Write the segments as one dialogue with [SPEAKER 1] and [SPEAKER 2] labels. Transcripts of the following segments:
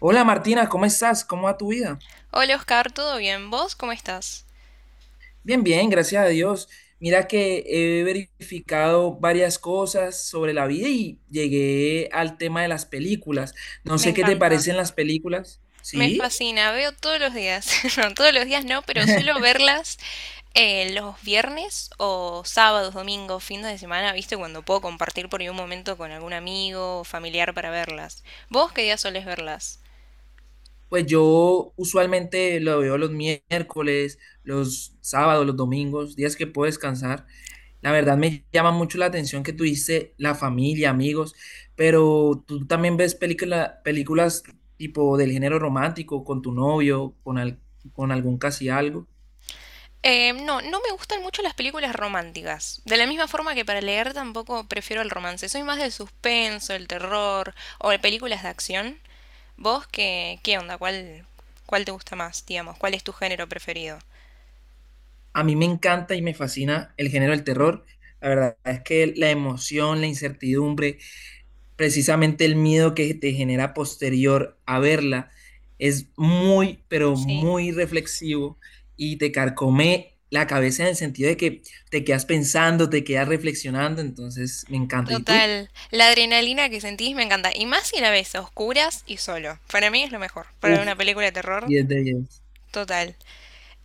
[SPEAKER 1] Hola Martina, ¿cómo estás? ¿Cómo va tu vida?
[SPEAKER 2] Hola Oscar, ¿todo bien? ¿Vos cómo estás?
[SPEAKER 1] Bien, bien, gracias a Dios. Mira que he verificado varias cosas sobre la vida y llegué al tema de las películas. No
[SPEAKER 2] Me
[SPEAKER 1] sé qué te
[SPEAKER 2] encanta,
[SPEAKER 1] parecen las películas.
[SPEAKER 2] me
[SPEAKER 1] Sí,
[SPEAKER 2] fascina, veo todos los días, no, todos los días no, pero suelo verlas los viernes o sábados, domingos, fines de semana, ¿viste? Cuando puedo compartir por ahí un momento con algún amigo o familiar para verlas. ¿Vos qué día solés verlas?
[SPEAKER 1] pues yo usualmente lo veo los miércoles, los sábados, los domingos, días que puedo descansar. La verdad me llama mucho la atención que tú dices la familia, amigos, pero tú también ves películas tipo del género romántico con tu novio, con con algún casi algo.
[SPEAKER 2] No, no me gustan mucho las películas románticas. De la misma forma que para leer tampoco prefiero el romance. Soy más del suspenso, el terror o de películas de acción. ¿Vos qué onda? ¿Cuál te gusta más, digamos? ¿Cuál es tu género preferido?
[SPEAKER 1] A mí me encanta y me fascina el género del terror. La verdad es que la emoción, la incertidumbre, precisamente el miedo que te genera posterior a verla es muy, pero
[SPEAKER 2] Sí,
[SPEAKER 1] muy reflexivo y te carcome la cabeza en el sentido de que te quedas pensando, te quedas reflexionando, entonces me encanta. ¿Y tú?
[SPEAKER 2] total. La adrenalina que sentís me encanta. Y más si la ves a oscuras y solo. Para mí es lo mejor. Para
[SPEAKER 1] Uf,
[SPEAKER 2] una película de terror,
[SPEAKER 1] 10 de 10.
[SPEAKER 2] total.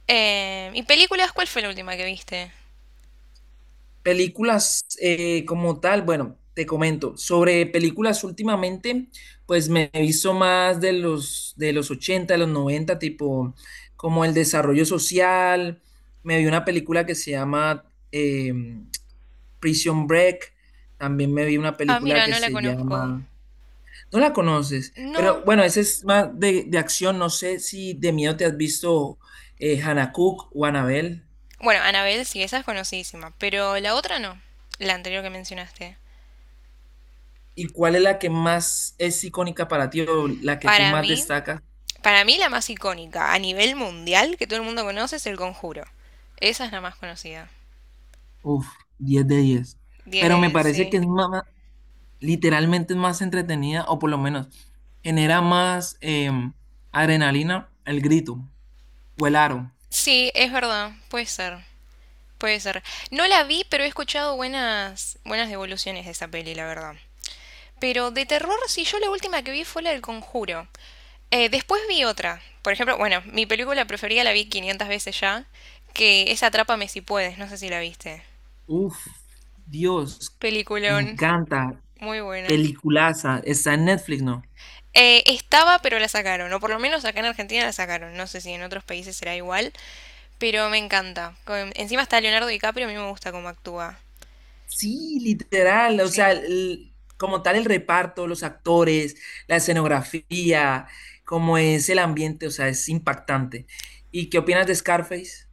[SPEAKER 2] ¿Y películas? ¿Cuál fue la última que viste?
[SPEAKER 1] Películas como tal, bueno, te comento, sobre películas últimamente, pues me he visto más de los 80 de los 90 tipo como el desarrollo social, me vi una película que se llama Prison Break, también me vi una
[SPEAKER 2] Ah,
[SPEAKER 1] película
[SPEAKER 2] mira,
[SPEAKER 1] que
[SPEAKER 2] no la
[SPEAKER 1] se
[SPEAKER 2] conozco.
[SPEAKER 1] llama, no la conoces, pero
[SPEAKER 2] No.
[SPEAKER 1] bueno, esa es más de acción, no sé si de miedo te has visto Hannah Cook o Annabelle.
[SPEAKER 2] Bueno, Annabelle sí, esa es conocidísima. Pero la otra no. La anterior que mencionaste.
[SPEAKER 1] ¿Y cuál es la que más es icónica para ti o la que tú
[SPEAKER 2] Para
[SPEAKER 1] más
[SPEAKER 2] mí,
[SPEAKER 1] destacas?
[SPEAKER 2] para mí, la más icónica a nivel mundial que todo el mundo conoce es El Conjuro. Esa es la más conocida.
[SPEAKER 1] Uf, 10 de 10.
[SPEAKER 2] Diez
[SPEAKER 1] Pero
[SPEAKER 2] de
[SPEAKER 1] me
[SPEAKER 2] diez,
[SPEAKER 1] parece que
[SPEAKER 2] sí.
[SPEAKER 1] es más, literalmente es más entretenida, o por lo menos genera más adrenalina, el grito o el aro.
[SPEAKER 2] Sí, es verdad, puede ser, puede ser. No la vi, pero he escuchado buenas, buenas devoluciones de esa peli, la verdad. Pero de terror, sí, yo la última que vi fue la del Conjuro. Después vi otra, por ejemplo, bueno, mi película preferida la vi 500 veces ya, que es Atrápame si puedes, no sé si la viste.
[SPEAKER 1] Uf, Dios, me
[SPEAKER 2] Peliculón,
[SPEAKER 1] encanta.
[SPEAKER 2] muy buena.
[SPEAKER 1] Peliculaza. Está en Netflix, ¿no?
[SPEAKER 2] Estaba, pero la sacaron, o por lo menos acá en Argentina la sacaron. No sé si en otros países será igual, pero me encanta. Con- Encima está Leonardo DiCaprio, a mí me gusta cómo actúa.
[SPEAKER 1] Sí, literal, o sea,
[SPEAKER 2] Sí.
[SPEAKER 1] como tal el reparto, los actores, la escenografía, cómo es el ambiente, o sea, es impactante. ¿Y qué opinas de Scarface?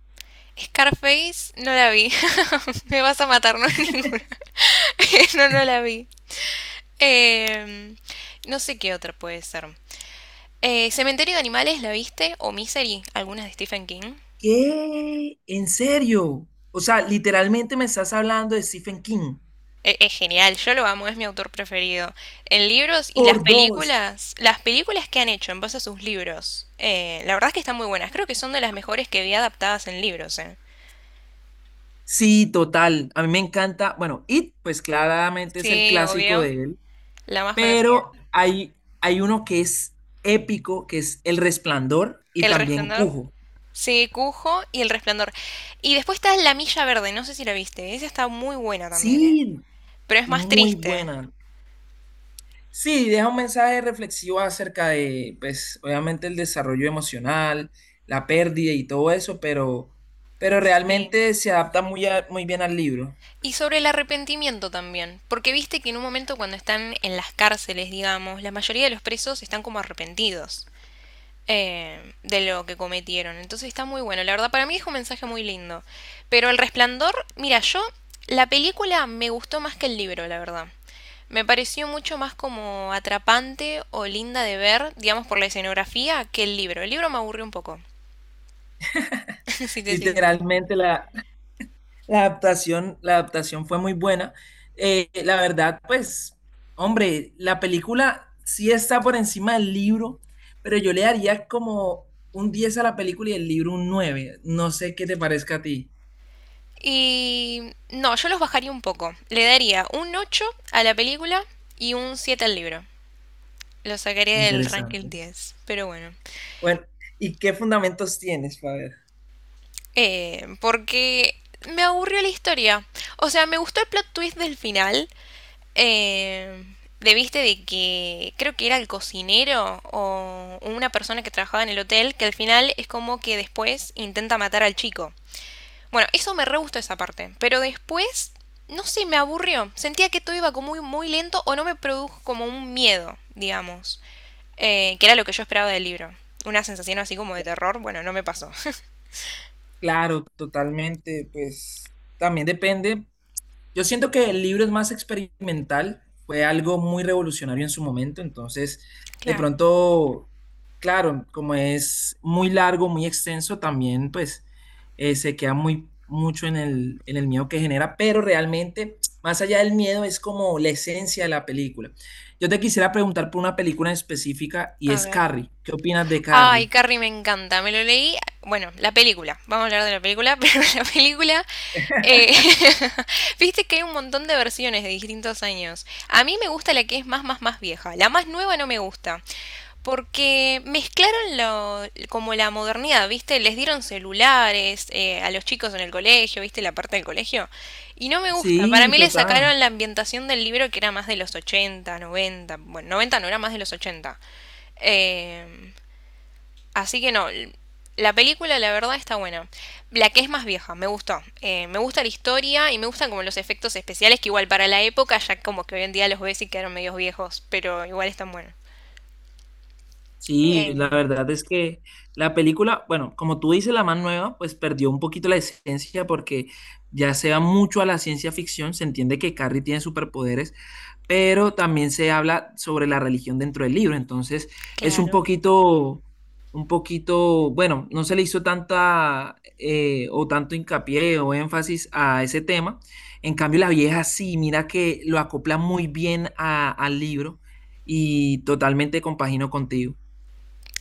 [SPEAKER 2] Scarface no la vi. Me vas a matar, no hay ninguna. No, no la vi. Em, no sé qué otra puede ser. Cementerio de Animales, ¿la viste? O Misery, algunas de Stephen King.
[SPEAKER 1] ¿Qué? ¿En serio? O sea, literalmente me estás hablando de Stephen King.
[SPEAKER 2] Es genial, yo lo amo, es mi autor preferido. En libros, y
[SPEAKER 1] Por dos.
[SPEAKER 2] las películas que han hecho en base a sus libros, la verdad es que están muy buenas. Creo que son de las mejores que vi adaptadas en libros.
[SPEAKER 1] Sí, total. A mí me encanta. Bueno, It, pues claramente es el
[SPEAKER 2] Sí,
[SPEAKER 1] clásico
[SPEAKER 2] obvio.
[SPEAKER 1] de él,
[SPEAKER 2] La más conocida.
[SPEAKER 1] pero hay uno que es épico, que es El Resplandor y
[SPEAKER 2] El
[SPEAKER 1] también
[SPEAKER 2] Resplandor.
[SPEAKER 1] Cujo.
[SPEAKER 2] Sí, Cujo y El Resplandor. Y después está La Milla Verde, no sé si la viste. Esa está muy buena también, ¿eh?
[SPEAKER 1] Sí,
[SPEAKER 2] Pero es más
[SPEAKER 1] muy
[SPEAKER 2] triste.
[SPEAKER 1] buena. Sí, deja un mensaje reflexivo acerca de, pues, obviamente el desarrollo emocional, la pérdida y todo eso, pero
[SPEAKER 2] Sí.
[SPEAKER 1] realmente se adapta muy bien al libro.
[SPEAKER 2] Y sobre el arrepentimiento también, porque viste que en un momento cuando están en las cárceles, digamos, la mayoría de los presos están como arrepentidos, de lo que cometieron. Entonces está muy bueno. La verdad, para mí es un mensaje muy lindo. Pero El Resplandor, mira, yo la película me gustó más que el libro, la verdad. Me pareció mucho más como atrapante o linda de ver, digamos, por la escenografía, que el libro. El libro me aburrió un poco, si te soy sincera.
[SPEAKER 1] Literalmente la adaptación fue muy buena. La verdad, pues, hombre, la película sí está por encima del libro, pero yo le daría como un 10 a la película y el libro un 9. No sé qué te parezca a ti.
[SPEAKER 2] Y no, yo los bajaría un poco. Le daría un 8 a la película y un 7 al libro. Lo sacaría del
[SPEAKER 1] Interesante.
[SPEAKER 2] ranking diez. Pero bueno.
[SPEAKER 1] Bueno, ¿y qué fundamentos tienes, Faber?
[SPEAKER 2] Porque me aburrió la historia. O sea, me gustó el plot twist del final. Eh, de, viste, de que creo que era el cocinero o una persona que trabajaba en el hotel, que al final es como que después intenta matar al chico. Bueno, eso me re gustó, esa parte. Pero después, no sé, me aburrió. Sentía que todo iba como muy, muy lento, o no me produjo como un miedo, digamos. Que era lo que yo esperaba del libro. Una sensación así como de terror, bueno, no me pasó.
[SPEAKER 1] Claro, totalmente, pues también depende. Yo siento que el libro es más experimental, fue algo muy revolucionario en su momento, entonces de
[SPEAKER 2] Claro.
[SPEAKER 1] pronto, claro, como es muy largo, muy extenso, también pues se queda muy mucho en el miedo que genera, pero realmente más allá del miedo es como la esencia de la película. Yo te quisiera preguntar por una película en específica y
[SPEAKER 2] A
[SPEAKER 1] es
[SPEAKER 2] ver.
[SPEAKER 1] Carrie. ¿Qué opinas de
[SPEAKER 2] Ay,
[SPEAKER 1] Carrie?
[SPEAKER 2] Carrie me encanta, me lo leí. Bueno, la película, vamos a hablar de la película, pero la película, eh, viste que hay un montón de versiones de distintos años. A mí me gusta la que es más, más, más vieja. La más nueva no me gusta, porque mezclaron lo, como la modernidad, viste, les dieron celulares a los chicos en el colegio, viste, la parte del colegio, y no me gusta. Para
[SPEAKER 1] Sí,
[SPEAKER 2] mí le
[SPEAKER 1] total.
[SPEAKER 2] sacaron la ambientación del libro que era más de los 80, 90, bueno, 90 no era, más de los 80. Eh, Así que no, la película la verdad está buena. La que es más vieja, me gustó. Me gusta la historia y me gustan como los efectos especiales, que igual para la época, ya como que hoy en día los ves y quedaron medios viejos, pero igual están buenos. Eh,
[SPEAKER 1] Sí, la verdad es que la película, bueno, como tú dices, la más nueva, pues perdió un poquito la esencia porque ya se va mucho a la ciencia ficción, se entiende que Carrie tiene superpoderes, pero también se habla sobre la religión dentro del libro. Entonces, es
[SPEAKER 2] claro.
[SPEAKER 1] un poquito, bueno, no se le hizo tanta o tanto hincapié o énfasis a ese tema. En cambio, la vieja sí, mira que lo acopla muy bien al libro y totalmente compagino contigo.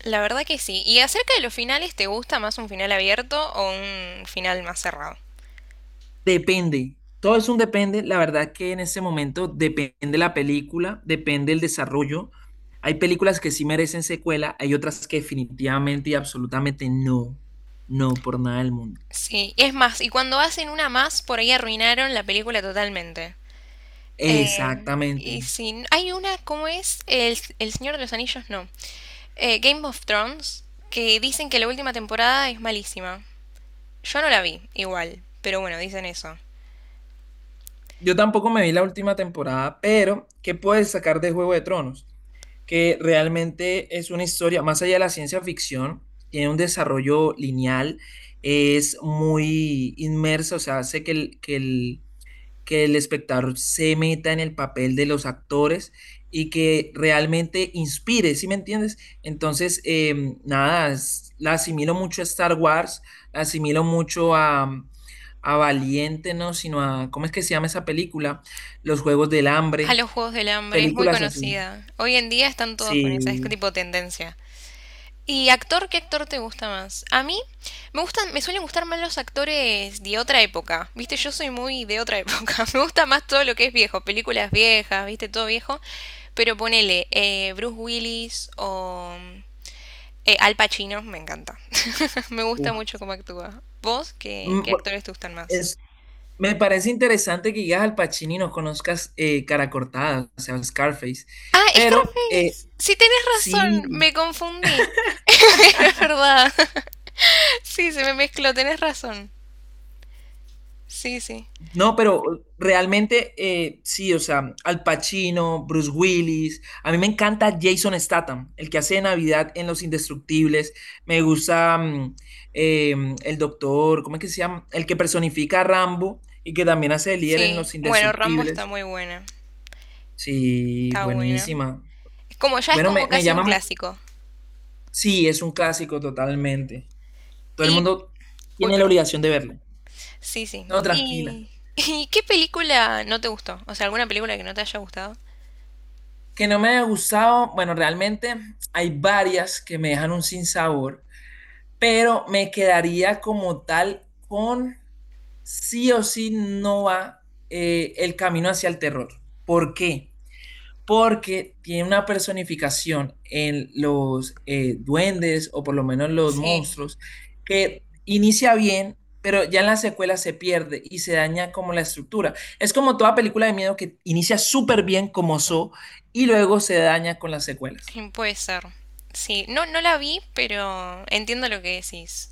[SPEAKER 2] La verdad que sí. Y acerca de los finales, ¿te gusta más un final abierto o un final más cerrado?
[SPEAKER 1] Depende, todo es un depende. La verdad que en ese momento depende la película, depende el desarrollo. Hay películas que sí merecen secuela, hay otras que definitivamente y absolutamente no, no por nada del mundo.
[SPEAKER 2] Sí, es más, y cuando hacen una más, por ahí arruinaron la película totalmente.
[SPEAKER 1] Exactamente.
[SPEAKER 2] Y si hay una, ¿cómo es? El Señor de los Anillos, no. Game of Thrones, que dicen que la última temporada es malísima. Yo no la vi, igual, pero bueno, dicen eso.
[SPEAKER 1] Yo tampoco me vi la última temporada, pero ¿qué puedes sacar de Juego de Tronos? Que realmente es una historia, más allá de la ciencia ficción, tiene un desarrollo lineal, es muy inmersa, o sea, hace que el, que el que el espectador se meta en el papel de los actores y que realmente inspire, ¿sí me entiendes? Entonces, nada, la asimilo mucho a Star Wars, la asimilo mucho a, a Valiente, ¿no? Sino a, ¿cómo es que se llama esa película? Los Juegos del
[SPEAKER 2] A
[SPEAKER 1] Hambre,
[SPEAKER 2] los Juegos del Hambre, es muy
[SPEAKER 1] películas así.
[SPEAKER 2] conocida. Hoy en día están todos con esa, es
[SPEAKER 1] Sí.
[SPEAKER 2] tipo tendencia. ¿Y actor? ¿Qué actor te gusta más? A mí me gustan, me suelen gustar más los actores de otra época. Viste, yo soy muy de otra época. Me gusta más todo lo que es viejo, películas viejas, viste, todo viejo. Pero ponele Bruce Willis o Al Pacino, me encanta. Me gusta
[SPEAKER 1] Uf.
[SPEAKER 2] mucho cómo actúa. ¿Vos qué,
[SPEAKER 1] Mm,
[SPEAKER 2] qué
[SPEAKER 1] bu-
[SPEAKER 2] actores te gustan más?
[SPEAKER 1] es- Me parece interesante que llegas al Pacino y no conozcas Cara Cortada, o sea, Scarface,
[SPEAKER 2] Ah,
[SPEAKER 1] pero
[SPEAKER 2] Scarface. Sí, tenés razón.
[SPEAKER 1] sí.
[SPEAKER 2] Me confundí. Es verdad. Sí, se me mezcló. Tenés razón. Sí, sí.
[SPEAKER 1] No, pero realmente sí, o sea, Al Pacino, Bruce Willis. A mí me encanta Jason Statham, el que hace de Navidad en Los Indestructibles. Me gusta el doctor, ¿cómo es que se llama? El que personifica a Rambo y que también hace de líder en
[SPEAKER 2] Sí.
[SPEAKER 1] Los
[SPEAKER 2] Bueno, Rambo está
[SPEAKER 1] Indestructibles.
[SPEAKER 2] muy buena.
[SPEAKER 1] Sí,
[SPEAKER 2] Está buena.
[SPEAKER 1] buenísima.
[SPEAKER 2] Es como, ya es
[SPEAKER 1] Bueno,
[SPEAKER 2] como
[SPEAKER 1] me
[SPEAKER 2] casi un
[SPEAKER 1] llama.
[SPEAKER 2] clásico.
[SPEAKER 1] Sí, es un clásico totalmente. Todo el
[SPEAKER 2] Y...
[SPEAKER 1] mundo
[SPEAKER 2] Uy,
[SPEAKER 1] tiene la
[SPEAKER 2] perdón.
[SPEAKER 1] obligación de verlo.
[SPEAKER 2] Sí, sí.
[SPEAKER 1] No, tranquila.
[SPEAKER 2] ¿Y, y qué película no te gustó? O sea, ¿alguna película que no te haya gustado?
[SPEAKER 1] Que no me haya gustado, bueno, realmente hay varias que me dejan un sinsabor, pero me quedaría como tal con sí o sí no va el camino hacia el terror. ¿Por qué? Porque tiene una personificación en los duendes o por lo menos los
[SPEAKER 2] Sí,
[SPEAKER 1] monstruos que inicia bien, pero ya en la secuela se pierde y se daña como la estructura. Es como toda película de miedo que inicia súper bien como Saw y luego se daña con las secuelas.
[SPEAKER 2] mm, puede ser. Sí, no, no la vi, pero entiendo lo que decís.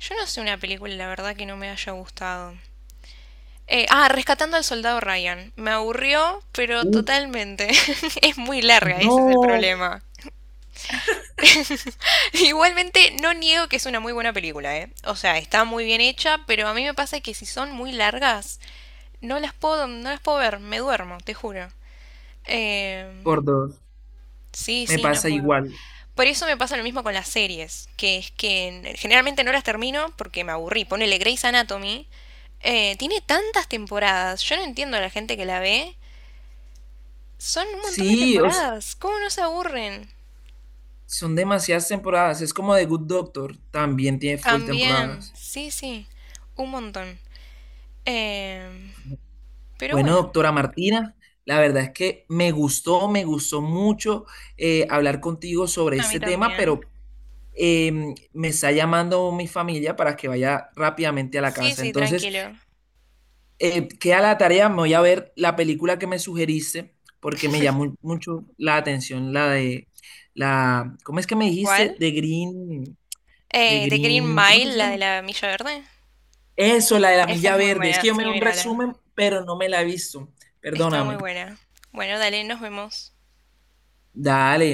[SPEAKER 2] Yo no sé una película, la verdad, que no me haya gustado. Ah, Rescatando al Soldado Ryan. Me aburrió, pero
[SPEAKER 1] Uf,
[SPEAKER 2] totalmente. Es muy larga, ese es el
[SPEAKER 1] no,
[SPEAKER 2] problema. Igualmente, no niego que es una muy buena película, ¿eh? O sea, está muy bien hecha, pero a mí me pasa que si son muy largas, no las puedo, no las puedo ver, me duermo, te juro.
[SPEAKER 1] por
[SPEAKER 2] Eh,
[SPEAKER 1] dos,
[SPEAKER 2] sí,
[SPEAKER 1] me
[SPEAKER 2] sí, no
[SPEAKER 1] pasa
[SPEAKER 2] puedo.
[SPEAKER 1] igual.
[SPEAKER 2] Por eso me pasa lo mismo con las series, que es que generalmente no las termino porque me aburrí. Ponele Grey's Anatomy, tiene tantas temporadas. Yo no entiendo a la gente que la ve. Son un montón de
[SPEAKER 1] Sí,
[SPEAKER 2] temporadas. ¿Cómo no se aburren?
[SPEAKER 1] son demasiadas temporadas, es como The Good Doctor, también tiene full
[SPEAKER 2] También.
[SPEAKER 1] temporadas.
[SPEAKER 2] Sí, sí. Un montón. Eh, pero
[SPEAKER 1] Bueno,
[SPEAKER 2] bueno.
[SPEAKER 1] doctora Martina, la verdad es que me gustó mucho hablar contigo sobre
[SPEAKER 2] A mí
[SPEAKER 1] este tema,
[SPEAKER 2] también.
[SPEAKER 1] pero me está llamando mi familia para que vaya rápidamente a la
[SPEAKER 2] Sí,
[SPEAKER 1] casa.
[SPEAKER 2] sí,
[SPEAKER 1] Entonces,
[SPEAKER 2] tranquilo.
[SPEAKER 1] queda la tarea, me voy a ver la película que me sugeriste, porque me llamó mucho la atención la de ¿cómo es que me dijiste?
[SPEAKER 2] ¿Cuál?
[SPEAKER 1] De Green, de
[SPEAKER 2] The Green
[SPEAKER 1] Green, ¿cómo es que
[SPEAKER 2] Mile,
[SPEAKER 1] se
[SPEAKER 2] la de
[SPEAKER 1] llama?
[SPEAKER 2] la Milla Verde.
[SPEAKER 1] Eso, la de la
[SPEAKER 2] Esa
[SPEAKER 1] milla
[SPEAKER 2] es muy
[SPEAKER 1] verde. Es
[SPEAKER 2] buena.
[SPEAKER 1] que yo
[SPEAKER 2] Sí,
[SPEAKER 1] me vi un
[SPEAKER 2] mírala.
[SPEAKER 1] resumen, pero no me la he visto.
[SPEAKER 2] Está muy
[SPEAKER 1] Perdóname.
[SPEAKER 2] buena. Bueno, dale, nos vemos.
[SPEAKER 1] Dale.